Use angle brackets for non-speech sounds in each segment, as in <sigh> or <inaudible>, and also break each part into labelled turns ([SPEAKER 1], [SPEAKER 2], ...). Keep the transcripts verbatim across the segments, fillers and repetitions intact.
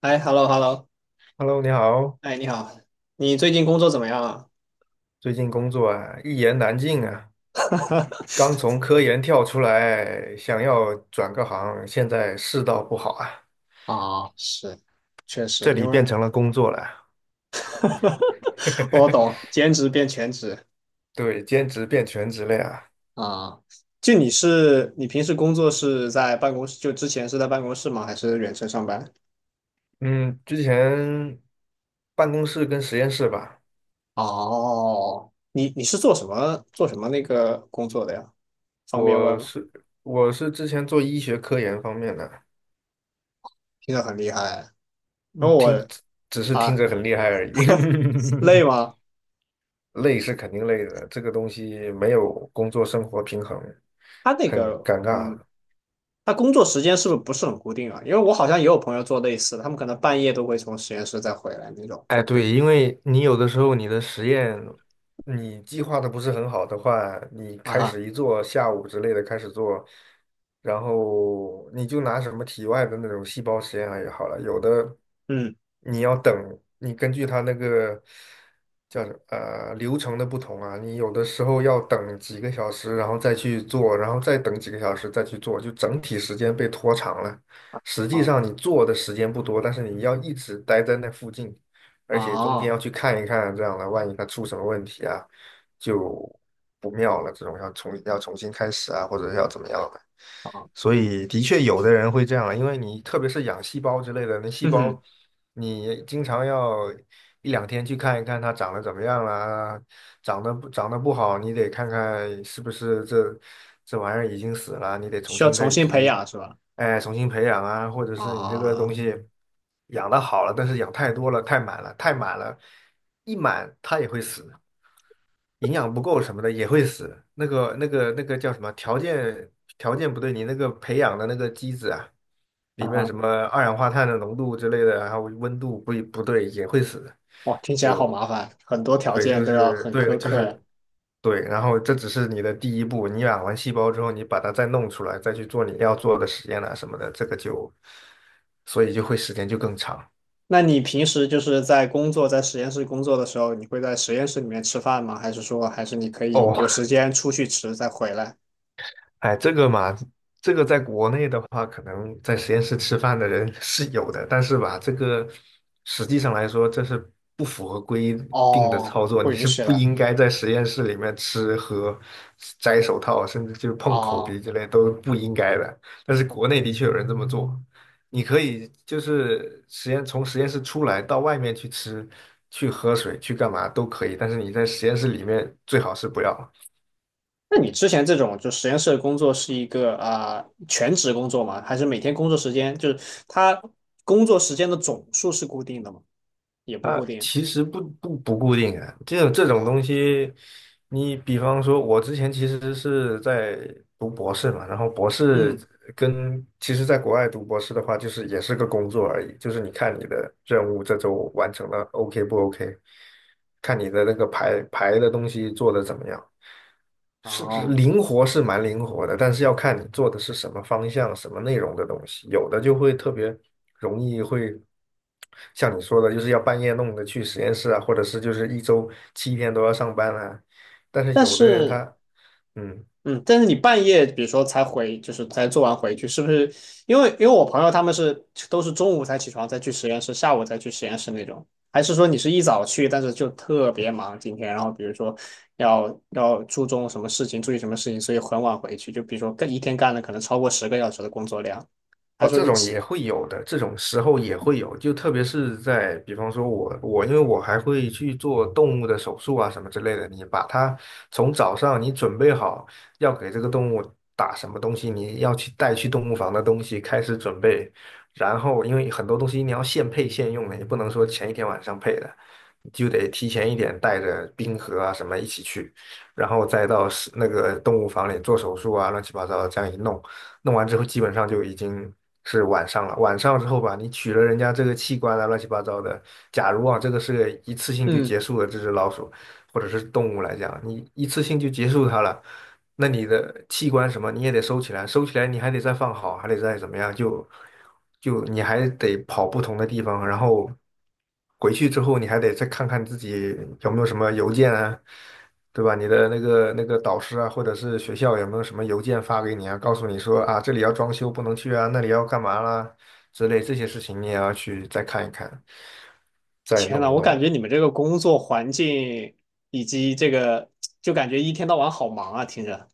[SPEAKER 1] 哎，hello hello，
[SPEAKER 2] Hello，你好，
[SPEAKER 1] 哎，你好。你最近工作怎么样啊？
[SPEAKER 2] 最近工作啊，一言难尽啊，刚从科研跳出来，想要转个行，现在世道不好啊，
[SPEAKER 1] 啊，是，确实，
[SPEAKER 2] 这
[SPEAKER 1] 因
[SPEAKER 2] 里变
[SPEAKER 1] 为
[SPEAKER 2] 成了工作了，
[SPEAKER 1] <laughs> 我懂，兼职变全职
[SPEAKER 2] 对，兼职变全职了呀。
[SPEAKER 1] 啊。就你是，你平时工作是在办公室，就之前是在办公室吗？还是远程上班？
[SPEAKER 2] 嗯，之前办公室跟实验室吧，
[SPEAKER 1] 哦，你你是做什么做什么那个工作的呀？方便问
[SPEAKER 2] 我
[SPEAKER 1] 吗？
[SPEAKER 2] 是我是之前做医学科研方面的。
[SPEAKER 1] 听着很厉害。然
[SPEAKER 2] 嗯，
[SPEAKER 1] 后
[SPEAKER 2] 听
[SPEAKER 1] 我
[SPEAKER 2] 只是听
[SPEAKER 1] 啊，
[SPEAKER 2] 着很厉害而已，<laughs>
[SPEAKER 1] 累吗？
[SPEAKER 2] 累是肯定累的，这个东西没有工作生活平衡，
[SPEAKER 1] 他那
[SPEAKER 2] 很
[SPEAKER 1] 个，
[SPEAKER 2] 尴尬。
[SPEAKER 1] 嗯。那工作时间是不是不是很固定啊？因为我好像也有朋友做类似的，他们可能半夜都会从实验室再回来那种，
[SPEAKER 2] 哎，
[SPEAKER 1] 就不
[SPEAKER 2] 对，因为你有的时候你的实验，你计划的不是很好的话，你
[SPEAKER 1] 啊
[SPEAKER 2] 开
[SPEAKER 1] 哈，
[SPEAKER 2] 始一做，下午之类的开始做，然后你就拿什么体外的那种细胞实验来也好了，有的
[SPEAKER 1] 嗯，
[SPEAKER 2] 你要等，你根据它那个叫什呃流程的不同啊，你有的时候要等几个小时，然后再去做，然后再等几个小时再去做，就整体时间被拖长了。实际上
[SPEAKER 1] 啊
[SPEAKER 2] 你做的时间不多，但是你要一直待在那附近。而且中间
[SPEAKER 1] 啊
[SPEAKER 2] 要去看一看，这样的万一它出什么问题啊，就不妙了。这种要重要重新开始啊，或者是要怎么样的。
[SPEAKER 1] 啊，
[SPEAKER 2] 所以的确有的人会这样啊，因为你特别是养细胞之类的，那细
[SPEAKER 1] 嗯哼，
[SPEAKER 2] 胞你经常要一两天去看一看它长得怎么样啦，长得不长得不好，你得看看是不是这这玩意儿已经死了，你得重
[SPEAKER 1] 需要
[SPEAKER 2] 新再
[SPEAKER 1] 重新培
[SPEAKER 2] 移。
[SPEAKER 1] 养是吧？
[SPEAKER 2] 哎，重新培养啊，或者是你这个
[SPEAKER 1] 啊
[SPEAKER 2] 东西养的好了，但是养太多了，太满了，太满了，一满它也会死，营养不够什么的也会死。那个、那个、那个叫什么？条件条件不对，你那个培养的那个机子啊，
[SPEAKER 1] 啊
[SPEAKER 2] 里面
[SPEAKER 1] 哈，
[SPEAKER 2] 什么二氧化碳的浓度之类的，然后温度不不对也会死。
[SPEAKER 1] 哇，听起来好
[SPEAKER 2] 就
[SPEAKER 1] 麻烦，很多条
[SPEAKER 2] 对，
[SPEAKER 1] 件
[SPEAKER 2] 就
[SPEAKER 1] 都要
[SPEAKER 2] 是
[SPEAKER 1] 很
[SPEAKER 2] 对，
[SPEAKER 1] 苛
[SPEAKER 2] 就
[SPEAKER 1] 刻呀。
[SPEAKER 2] 是。对，然后这只是你的第一步，你养完细胞之后，你把它再弄出来，再去做你要做的实验啊什么的，这个就，所以就会时间就更长。
[SPEAKER 1] 那你平时就是在工作，在实验室工作的时候，你会在实验室里面吃饭吗？还是说，还是你可以有
[SPEAKER 2] 哦，
[SPEAKER 1] 时间出去吃再回来？
[SPEAKER 2] 哎，这个嘛，这个在国内的话，可能在实验室吃饭的人 <laughs> 是有的，但是吧，这个实际上来说，这是不符合规定的
[SPEAKER 1] 哦，
[SPEAKER 2] 操作，
[SPEAKER 1] 不
[SPEAKER 2] 你
[SPEAKER 1] 允
[SPEAKER 2] 是
[SPEAKER 1] 许
[SPEAKER 2] 不
[SPEAKER 1] 的。
[SPEAKER 2] 应该在实验室里面吃喝、摘手套，甚至就是碰口
[SPEAKER 1] 哦，
[SPEAKER 2] 鼻之类都是不应该的。但是国内的确有人这么做，你可以就是实验从实验室出来到外面去吃、去喝水、去干嘛都可以，但是你在实验室里面最好是不要。
[SPEAKER 1] 那你之前这种就实验室的工作是一个啊、呃全职工作吗？还是每天工作时间就是他工作时间的总数是固定的吗？也不
[SPEAKER 2] 啊，
[SPEAKER 1] 固定。
[SPEAKER 2] 其实不不不固定啊，这种这种
[SPEAKER 1] 哦，
[SPEAKER 2] 东西，你比方说，我之前其实是在读博士嘛，然后博士
[SPEAKER 1] 嗯，
[SPEAKER 2] 跟其实在国外读博士的话，就是也是个工作而已，就是你看你的任务这周完成了 OK 不 OK，看你的那个排排的东西做的怎么样。是是
[SPEAKER 1] 哦，
[SPEAKER 2] 灵活是蛮灵活的，但是要看你做的是什么方向、什么内容的东西。有的就会特别容易会像你说的，就是要半夜弄的去实验室啊，或者是就是一周七天都要上班啊。但是
[SPEAKER 1] 但
[SPEAKER 2] 有的人
[SPEAKER 1] 是
[SPEAKER 2] 他嗯
[SPEAKER 1] 嗯，但是你半夜，比如说才回，就是才做完回去，是不是？因为因为我朋友他们是都是中午才起床，再去实验室，下午再去实验室那种，还是说你是一早去，但是就特别忙今天，然后比如说要要注重什么事情，注意什么事情，所以很晚回去，就比如说干一天干了可能超过十个小时的工作量，还
[SPEAKER 2] 哦，
[SPEAKER 1] 说
[SPEAKER 2] 这
[SPEAKER 1] 你
[SPEAKER 2] 种
[SPEAKER 1] 起
[SPEAKER 2] 也会有的，这种时候也会有，就特别是在，比方说我我，因为我还会去做动物的手术啊什么之类的，你把它从早上你准备好要给这个动物打什么东西，你要去带去动物房的东西开始准备，然后因为很多东西你要现配现用的，你不能说前一天晚上配的，就得提前一点带着冰盒啊什么一起去，然后再到是那个动物房里做手术啊，乱七八糟这样一弄。弄完之后基本上就已经是晚上了。晚上之后吧，你取了人家这个器官啊，乱七八糟的。假如啊，这个是个一次性就
[SPEAKER 1] 嗯，
[SPEAKER 2] 结束了这只老鼠或者是动物来讲，你一次性就结束它了，那你的器官什么你也得收起来，收起来你还得再放好，还得再怎么样，就就你还得跑不同的地方，然后回去之后你还得再看看自己有没有什么邮件啊。对吧？你的那个那个导师啊，或者是学校有没有什么邮件发给你啊，告诉你说啊，这里要装修不能去啊，那里要干嘛啦之类这些事情，你也要去再看一看，再
[SPEAKER 1] 天
[SPEAKER 2] 弄
[SPEAKER 1] 呐，
[SPEAKER 2] 一
[SPEAKER 1] 我
[SPEAKER 2] 弄
[SPEAKER 1] 感
[SPEAKER 2] 的。
[SPEAKER 1] 觉你们这个工作环境以及这个，就感觉一天到晚好忙啊，听着，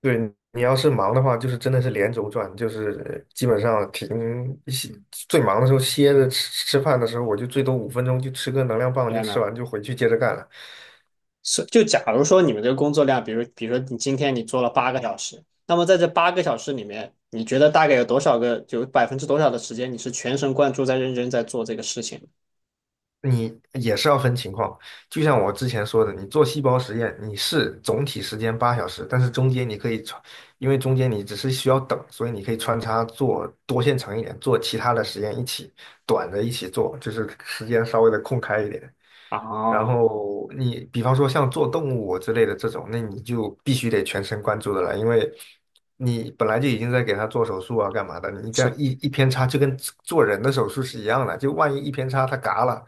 [SPEAKER 2] 对，你要是忙的话，就是真的是连轴转，就是基本上停歇最忙的时候歇着吃吃饭的时候，我就最多五分钟就吃个能量棒，就
[SPEAKER 1] 天
[SPEAKER 2] 吃
[SPEAKER 1] 呐。
[SPEAKER 2] 完就回去接着干了。
[SPEAKER 1] 是，就假如说你们这个工作量，比如比如说你今天你做了八个小时，那么在这八个小时里面，你觉得大概有多少个，有百分之多少的时间你是全神贯注在认真在做这个事情？
[SPEAKER 2] 你也是要分情况，就像我之前说的，你做细胞实验，你是总体时间八小时，但是中间你可以穿，因为中间你只是需要等，所以你可以穿插做多线程一点，做其他的实验一起，短的一起做，就是时间稍微的空开一点。然
[SPEAKER 1] 啊，
[SPEAKER 2] 后你比方说像做动物之类的这种，那你就必须得全神贯注的了，因为你本来就已经在给它做手术啊，干嘛的？你这
[SPEAKER 1] 是
[SPEAKER 2] 样
[SPEAKER 1] 吧？
[SPEAKER 2] 一一偏差，就跟做人的手术是一样的，就万一一偏差它嘎了，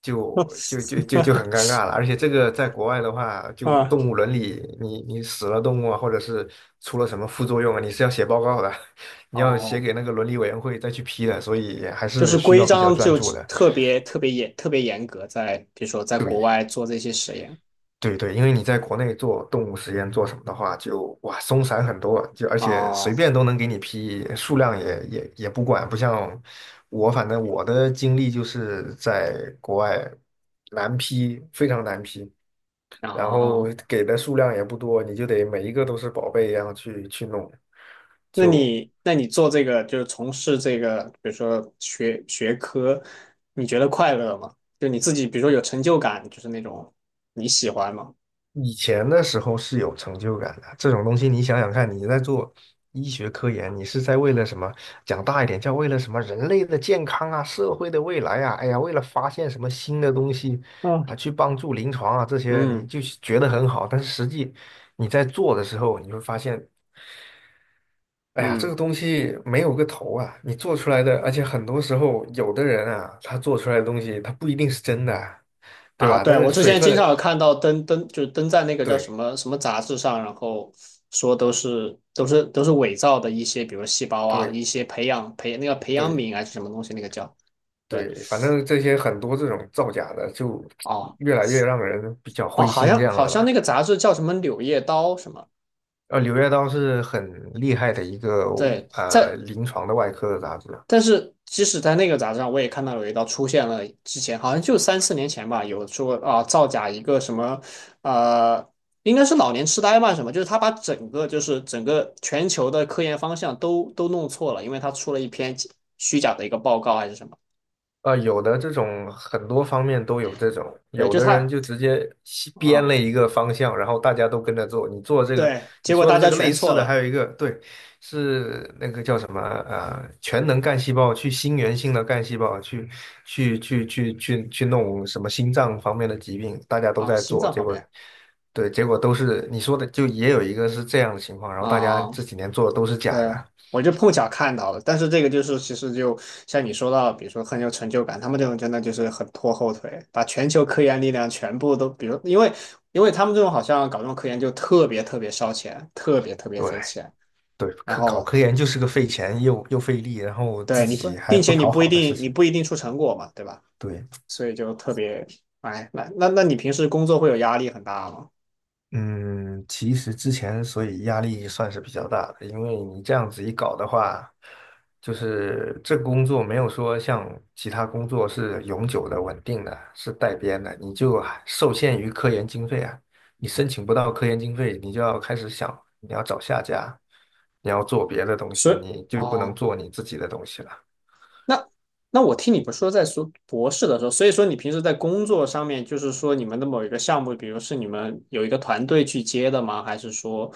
[SPEAKER 2] 就就就就就很
[SPEAKER 1] <laughs>
[SPEAKER 2] 尴尬了。而且这个在国外的话，就
[SPEAKER 1] 啊，
[SPEAKER 2] 动物伦理，你你死了动物啊，或者是出了什么副作用啊，你是要写报告的，<laughs> 你要写
[SPEAKER 1] 哦，
[SPEAKER 2] 给那个伦理委员会再去批的，所以还
[SPEAKER 1] 就是
[SPEAKER 2] 是需
[SPEAKER 1] 规
[SPEAKER 2] 要比较
[SPEAKER 1] 章
[SPEAKER 2] 专
[SPEAKER 1] 就
[SPEAKER 2] 注的。
[SPEAKER 1] 特别特别严特别严格在，比如说在国外做这些实验
[SPEAKER 2] 对对，因为你在国内做动物实验做什么的话，就哇松散很多，就而且
[SPEAKER 1] 啊。
[SPEAKER 2] 随便都能给你批，数量也也也不管，不像我，反正我的经历就是在国外难批，非常难批，
[SPEAKER 1] 然
[SPEAKER 2] 然后
[SPEAKER 1] 后
[SPEAKER 2] 给的数量也不多，你就得每一个都是宝贝一样去去弄，
[SPEAKER 1] 那
[SPEAKER 2] 就
[SPEAKER 1] 你那你做这个就是从事这个，比如说学学科，你觉得快乐吗？就你自己，比如说有成就感，就是那种你喜欢吗？
[SPEAKER 2] 以前的时候是有成就感的。这种东西你想想看，你在做医学科研，你是在为了什么？讲大一点，叫为了什么？人类的健康啊，社会的未来啊，哎呀，为了发现什么新的东西
[SPEAKER 1] 啊，
[SPEAKER 2] 啊，去帮助临床啊，这些你
[SPEAKER 1] 嗯
[SPEAKER 2] 就觉得很好。但是实际你在做的时候，你会发现，哎呀，这
[SPEAKER 1] 嗯
[SPEAKER 2] 个东西没有个头啊，你做出来的，而且很多时候有的人啊，他做出来的东西，他不一定是真的啊，对
[SPEAKER 1] 啊，
[SPEAKER 2] 吧？但
[SPEAKER 1] 对，
[SPEAKER 2] 是
[SPEAKER 1] 我之
[SPEAKER 2] 水
[SPEAKER 1] 前经常
[SPEAKER 2] 分，
[SPEAKER 1] 有看到登登，就是登在那个叫什
[SPEAKER 2] 对
[SPEAKER 1] 么什么杂志上，然后说都是都是都是伪造的一些，比如细胞啊，
[SPEAKER 2] 对。
[SPEAKER 1] 一些培养培那个培养
[SPEAKER 2] 对
[SPEAKER 1] 皿还是什么东西，那个叫对
[SPEAKER 2] 对，反正这些很多这种造假的，就
[SPEAKER 1] 哦。
[SPEAKER 2] 越来越让人比较
[SPEAKER 1] 哦，
[SPEAKER 2] 灰
[SPEAKER 1] 好
[SPEAKER 2] 心这
[SPEAKER 1] 像
[SPEAKER 2] 样
[SPEAKER 1] 好
[SPEAKER 2] 了
[SPEAKER 1] 像那
[SPEAKER 2] 吧。
[SPEAKER 1] 个杂志叫什么《柳叶刀》什么，
[SPEAKER 2] 呃，《柳叶刀》是很厉害的一个
[SPEAKER 1] 对，
[SPEAKER 2] 呃
[SPEAKER 1] 在
[SPEAKER 2] 临床的外科的杂志，
[SPEAKER 1] 但是即使在那个杂志上，我也看到有一道出现了，之前好像就三四年前吧，有说啊造假一个什么，呃，应该是老年痴呆吧什么，就是他把整个就是整个全球的科研方向都都弄错了，因为他出了一篇虚假的一个报告还是什么，
[SPEAKER 2] 啊、有的这种很多方面都有这种，
[SPEAKER 1] 对，
[SPEAKER 2] 有
[SPEAKER 1] 就
[SPEAKER 2] 的人
[SPEAKER 1] 他
[SPEAKER 2] 就直接西编
[SPEAKER 1] 啊，
[SPEAKER 2] 了一个方向，然后大家都跟着做。你做这个，
[SPEAKER 1] 对，
[SPEAKER 2] 你
[SPEAKER 1] 结果
[SPEAKER 2] 说
[SPEAKER 1] 大
[SPEAKER 2] 的这
[SPEAKER 1] 家
[SPEAKER 2] 个
[SPEAKER 1] 全
[SPEAKER 2] 类似
[SPEAKER 1] 错
[SPEAKER 2] 的，还
[SPEAKER 1] 了
[SPEAKER 2] 有一个对，是那个叫什么呃，全能干细胞去心源性的干细胞去去去去去去弄什么心脏方面的疾病，大家都
[SPEAKER 1] 啊，
[SPEAKER 2] 在
[SPEAKER 1] 心
[SPEAKER 2] 做，
[SPEAKER 1] 脏
[SPEAKER 2] 结
[SPEAKER 1] 面
[SPEAKER 2] 果
[SPEAKER 1] 面
[SPEAKER 2] 对，结果都是你说的，就也有一个是这样的情况，然后大家
[SPEAKER 1] 啊。啊，
[SPEAKER 2] 这几年做的都是
[SPEAKER 1] 对
[SPEAKER 2] 假
[SPEAKER 1] 啊，
[SPEAKER 2] 的。
[SPEAKER 1] 我就碰巧看到了，但是这个就是其实就像你说到，比如说很有成就感，他们这种真的就是很拖后腿，把全球科研力量全部都，比如因为因为他们这种好像搞这种科研就特别特别烧钱，特别特别
[SPEAKER 2] 对。
[SPEAKER 1] 费钱，
[SPEAKER 2] 对，
[SPEAKER 1] 然
[SPEAKER 2] 科搞
[SPEAKER 1] 后
[SPEAKER 2] 科研就是个费钱又又费力，然后自
[SPEAKER 1] 对你不，
[SPEAKER 2] 己还
[SPEAKER 1] 并且
[SPEAKER 2] 不
[SPEAKER 1] 你
[SPEAKER 2] 讨
[SPEAKER 1] 不一
[SPEAKER 2] 好的事
[SPEAKER 1] 定你
[SPEAKER 2] 情。
[SPEAKER 1] 不一定出成果嘛，对吧？
[SPEAKER 2] 对。
[SPEAKER 1] 所以就特别，哎，那那那你平时工作会有压力很大吗？
[SPEAKER 2] 嗯，其实之前所以压力算是比较大的，因为你这样子一搞的话，就是这个工作没有说像其他工作是永久的、稳定的，是带编的，你就还受限于科研经费啊。你申请不到科研经费，你就要开始想你要找下家，你要做别的东
[SPEAKER 1] 所
[SPEAKER 2] 西，
[SPEAKER 1] 以
[SPEAKER 2] 你就不能
[SPEAKER 1] 哦，
[SPEAKER 2] 做你自己的东西了。
[SPEAKER 1] 那那我听你们说在说博士的时候，所以说你平时在工作上面，就是说你们的某一个项目，比如是你们有一个团队去接的吗？还是说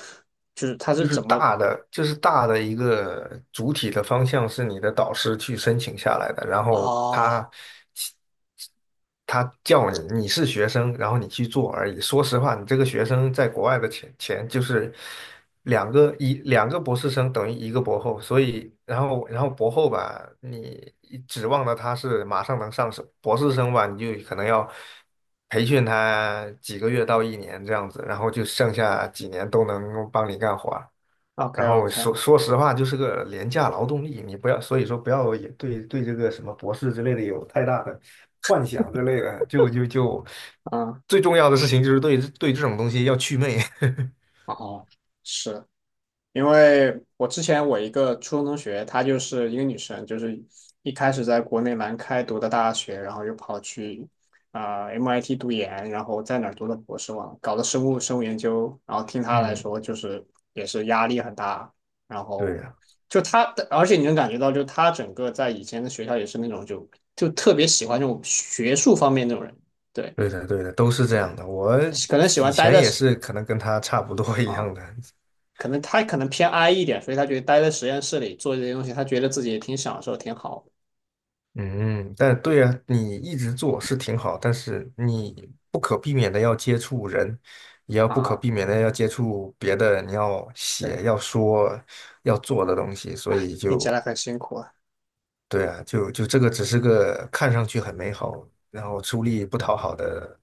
[SPEAKER 1] 就是他是
[SPEAKER 2] 就是
[SPEAKER 1] 怎么？
[SPEAKER 2] 大的，就是大的一个主体的方向是你的导师去申请下来的，然后
[SPEAKER 1] 哦
[SPEAKER 2] 他他叫你，你是学生，然后你去做而已。说实话，你这个学生在国外的钱钱就是两个一两个博士生等于一个博后，所以然后然后博后吧，你指望的他是马上能上手，博士生吧，你就可能要。培训他几个月到一年这样子，然后就剩下几年都能帮你干活儿。
[SPEAKER 1] ，OK
[SPEAKER 2] 然后
[SPEAKER 1] OK，
[SPEAKER 2] 说说实话，就是个廉价劳动力，你不要，所以说不要也对对这个什么博士之类的有太大的幻想之类的，就就就
[SPEAKER 1] 嗯，
[SPEAKER 2] 最重要的事情就是对对这种东西要祛魅。<laughs>
[SPEAKER 1] 哦，是因为我之前我一个初中同学，她就是一个女生，就是一开始在国内南开读的大学，然后又跑去啊、M I T 读研，然后在哪儿读的博士嘛，搞的生物生物研究。然后听她来
[SPEAKER 2] 嗯，
[SPEAKER 1] 说，就是也是压力很大，然
[SPEAKER 2] 对
[SPEAKER 1] 后
[SPEAKER 2] 呀，
[SPEAKER 1] 就她，而且你能感觉到，就她整个在以前的学校也是那种就就特别喜欢这种学术方面那种人，对
[SPEAKER 2] 对的，对的，都是这
[SPEAKER 1] 对，
[SPEAKER 2] 样的。我
[SPEAKER 1] 可能喜
[SPEAKER 2] 以
[SPEAKER 1] 欢待
[SPEAKER 2] 前
[SPEAKER 1] 在
[SPEAKER 2] 也是可能跟他差不多一
[SPEAKER 1] 啊。
[SPEAKER 2] 样的，
[SPEAKER 1] 可能他可能偏 I 一点，所以他觉得待在实验室里做这些东西，他觉得自己也挺享受，挺好的
[SPEAKER 2] 嗯，但对呀，你一直做是挺好，但是你不可避免的要接触人，也要不可
[SPEAKER 1] 啊。
[SPEAKER 2] 避免的要接触别的，你要
[SPEAKER 1] 对，
[SPEAKER 2] 写、要说、要做的东西，所以
[SPEAKER 1] 听起
[SPEAKER 2] 就
[SPEAKER 1] 来很辛苦啊。
[SPEAKER 2] 对啊，就就这个只是个看上去很美好，然后出力不讨好的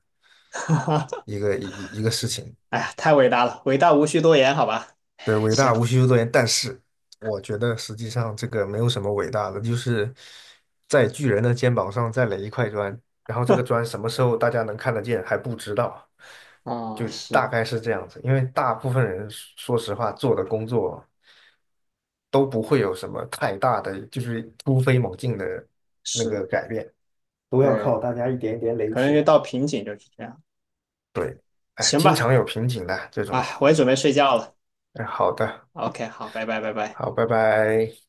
[SPEAKER 1] <laughs>
[SPEAKER 2] 一个一一个事情。
[SPEAKER 1] 哎呀，太伟大了，伟大无需多言，好吧？
[SPEAKER 2] 对，伟
[SPEAKER 1] 行
[SPEAKER 2] 大无需修多言，但是我觉得实际上这个没有什么伟大的，就是在巨人的肩膀上再垒一块砖，然后这个砖什么时候大家能看得见还不知道，
[SPEAKER 1] 啊，
[SPEAKER 2] 就大
[SPEAKER 1] 是
[SPEAKER 2] 概是这样子。因为大部分人说实话做的工作都不会有什么太大的，就是突飞猛进的那
[SPEAKER 1] 是，
[SPEAKER 2] 个改变。都要
[SPEAKER 1] 对，
[SPEAKER 2] 靠大家一点一点垒
[SPEAKER 1] 可
[SPEAKER 2] 起
[SPEAKER 1] 能就
[SPEAKER 2] 来。
[SPEAKER 1] 到瓶颈就是这样。
[SPEAKER 2] 对，哎，
[SPEAKER 1] 行
[SPEAKER 2] 经
[SPEAKER 1] 吧，
[SPEAKER 2] 常有瓶颈的这种。
[SPEAKER 1] 啊，我也准备睡觉了。
[SPEAKER 2] 哎，好的，
[SPEAKER 1] OK，好，拜拜，拜拜。
[SPEAKER 2] 好，拜拜。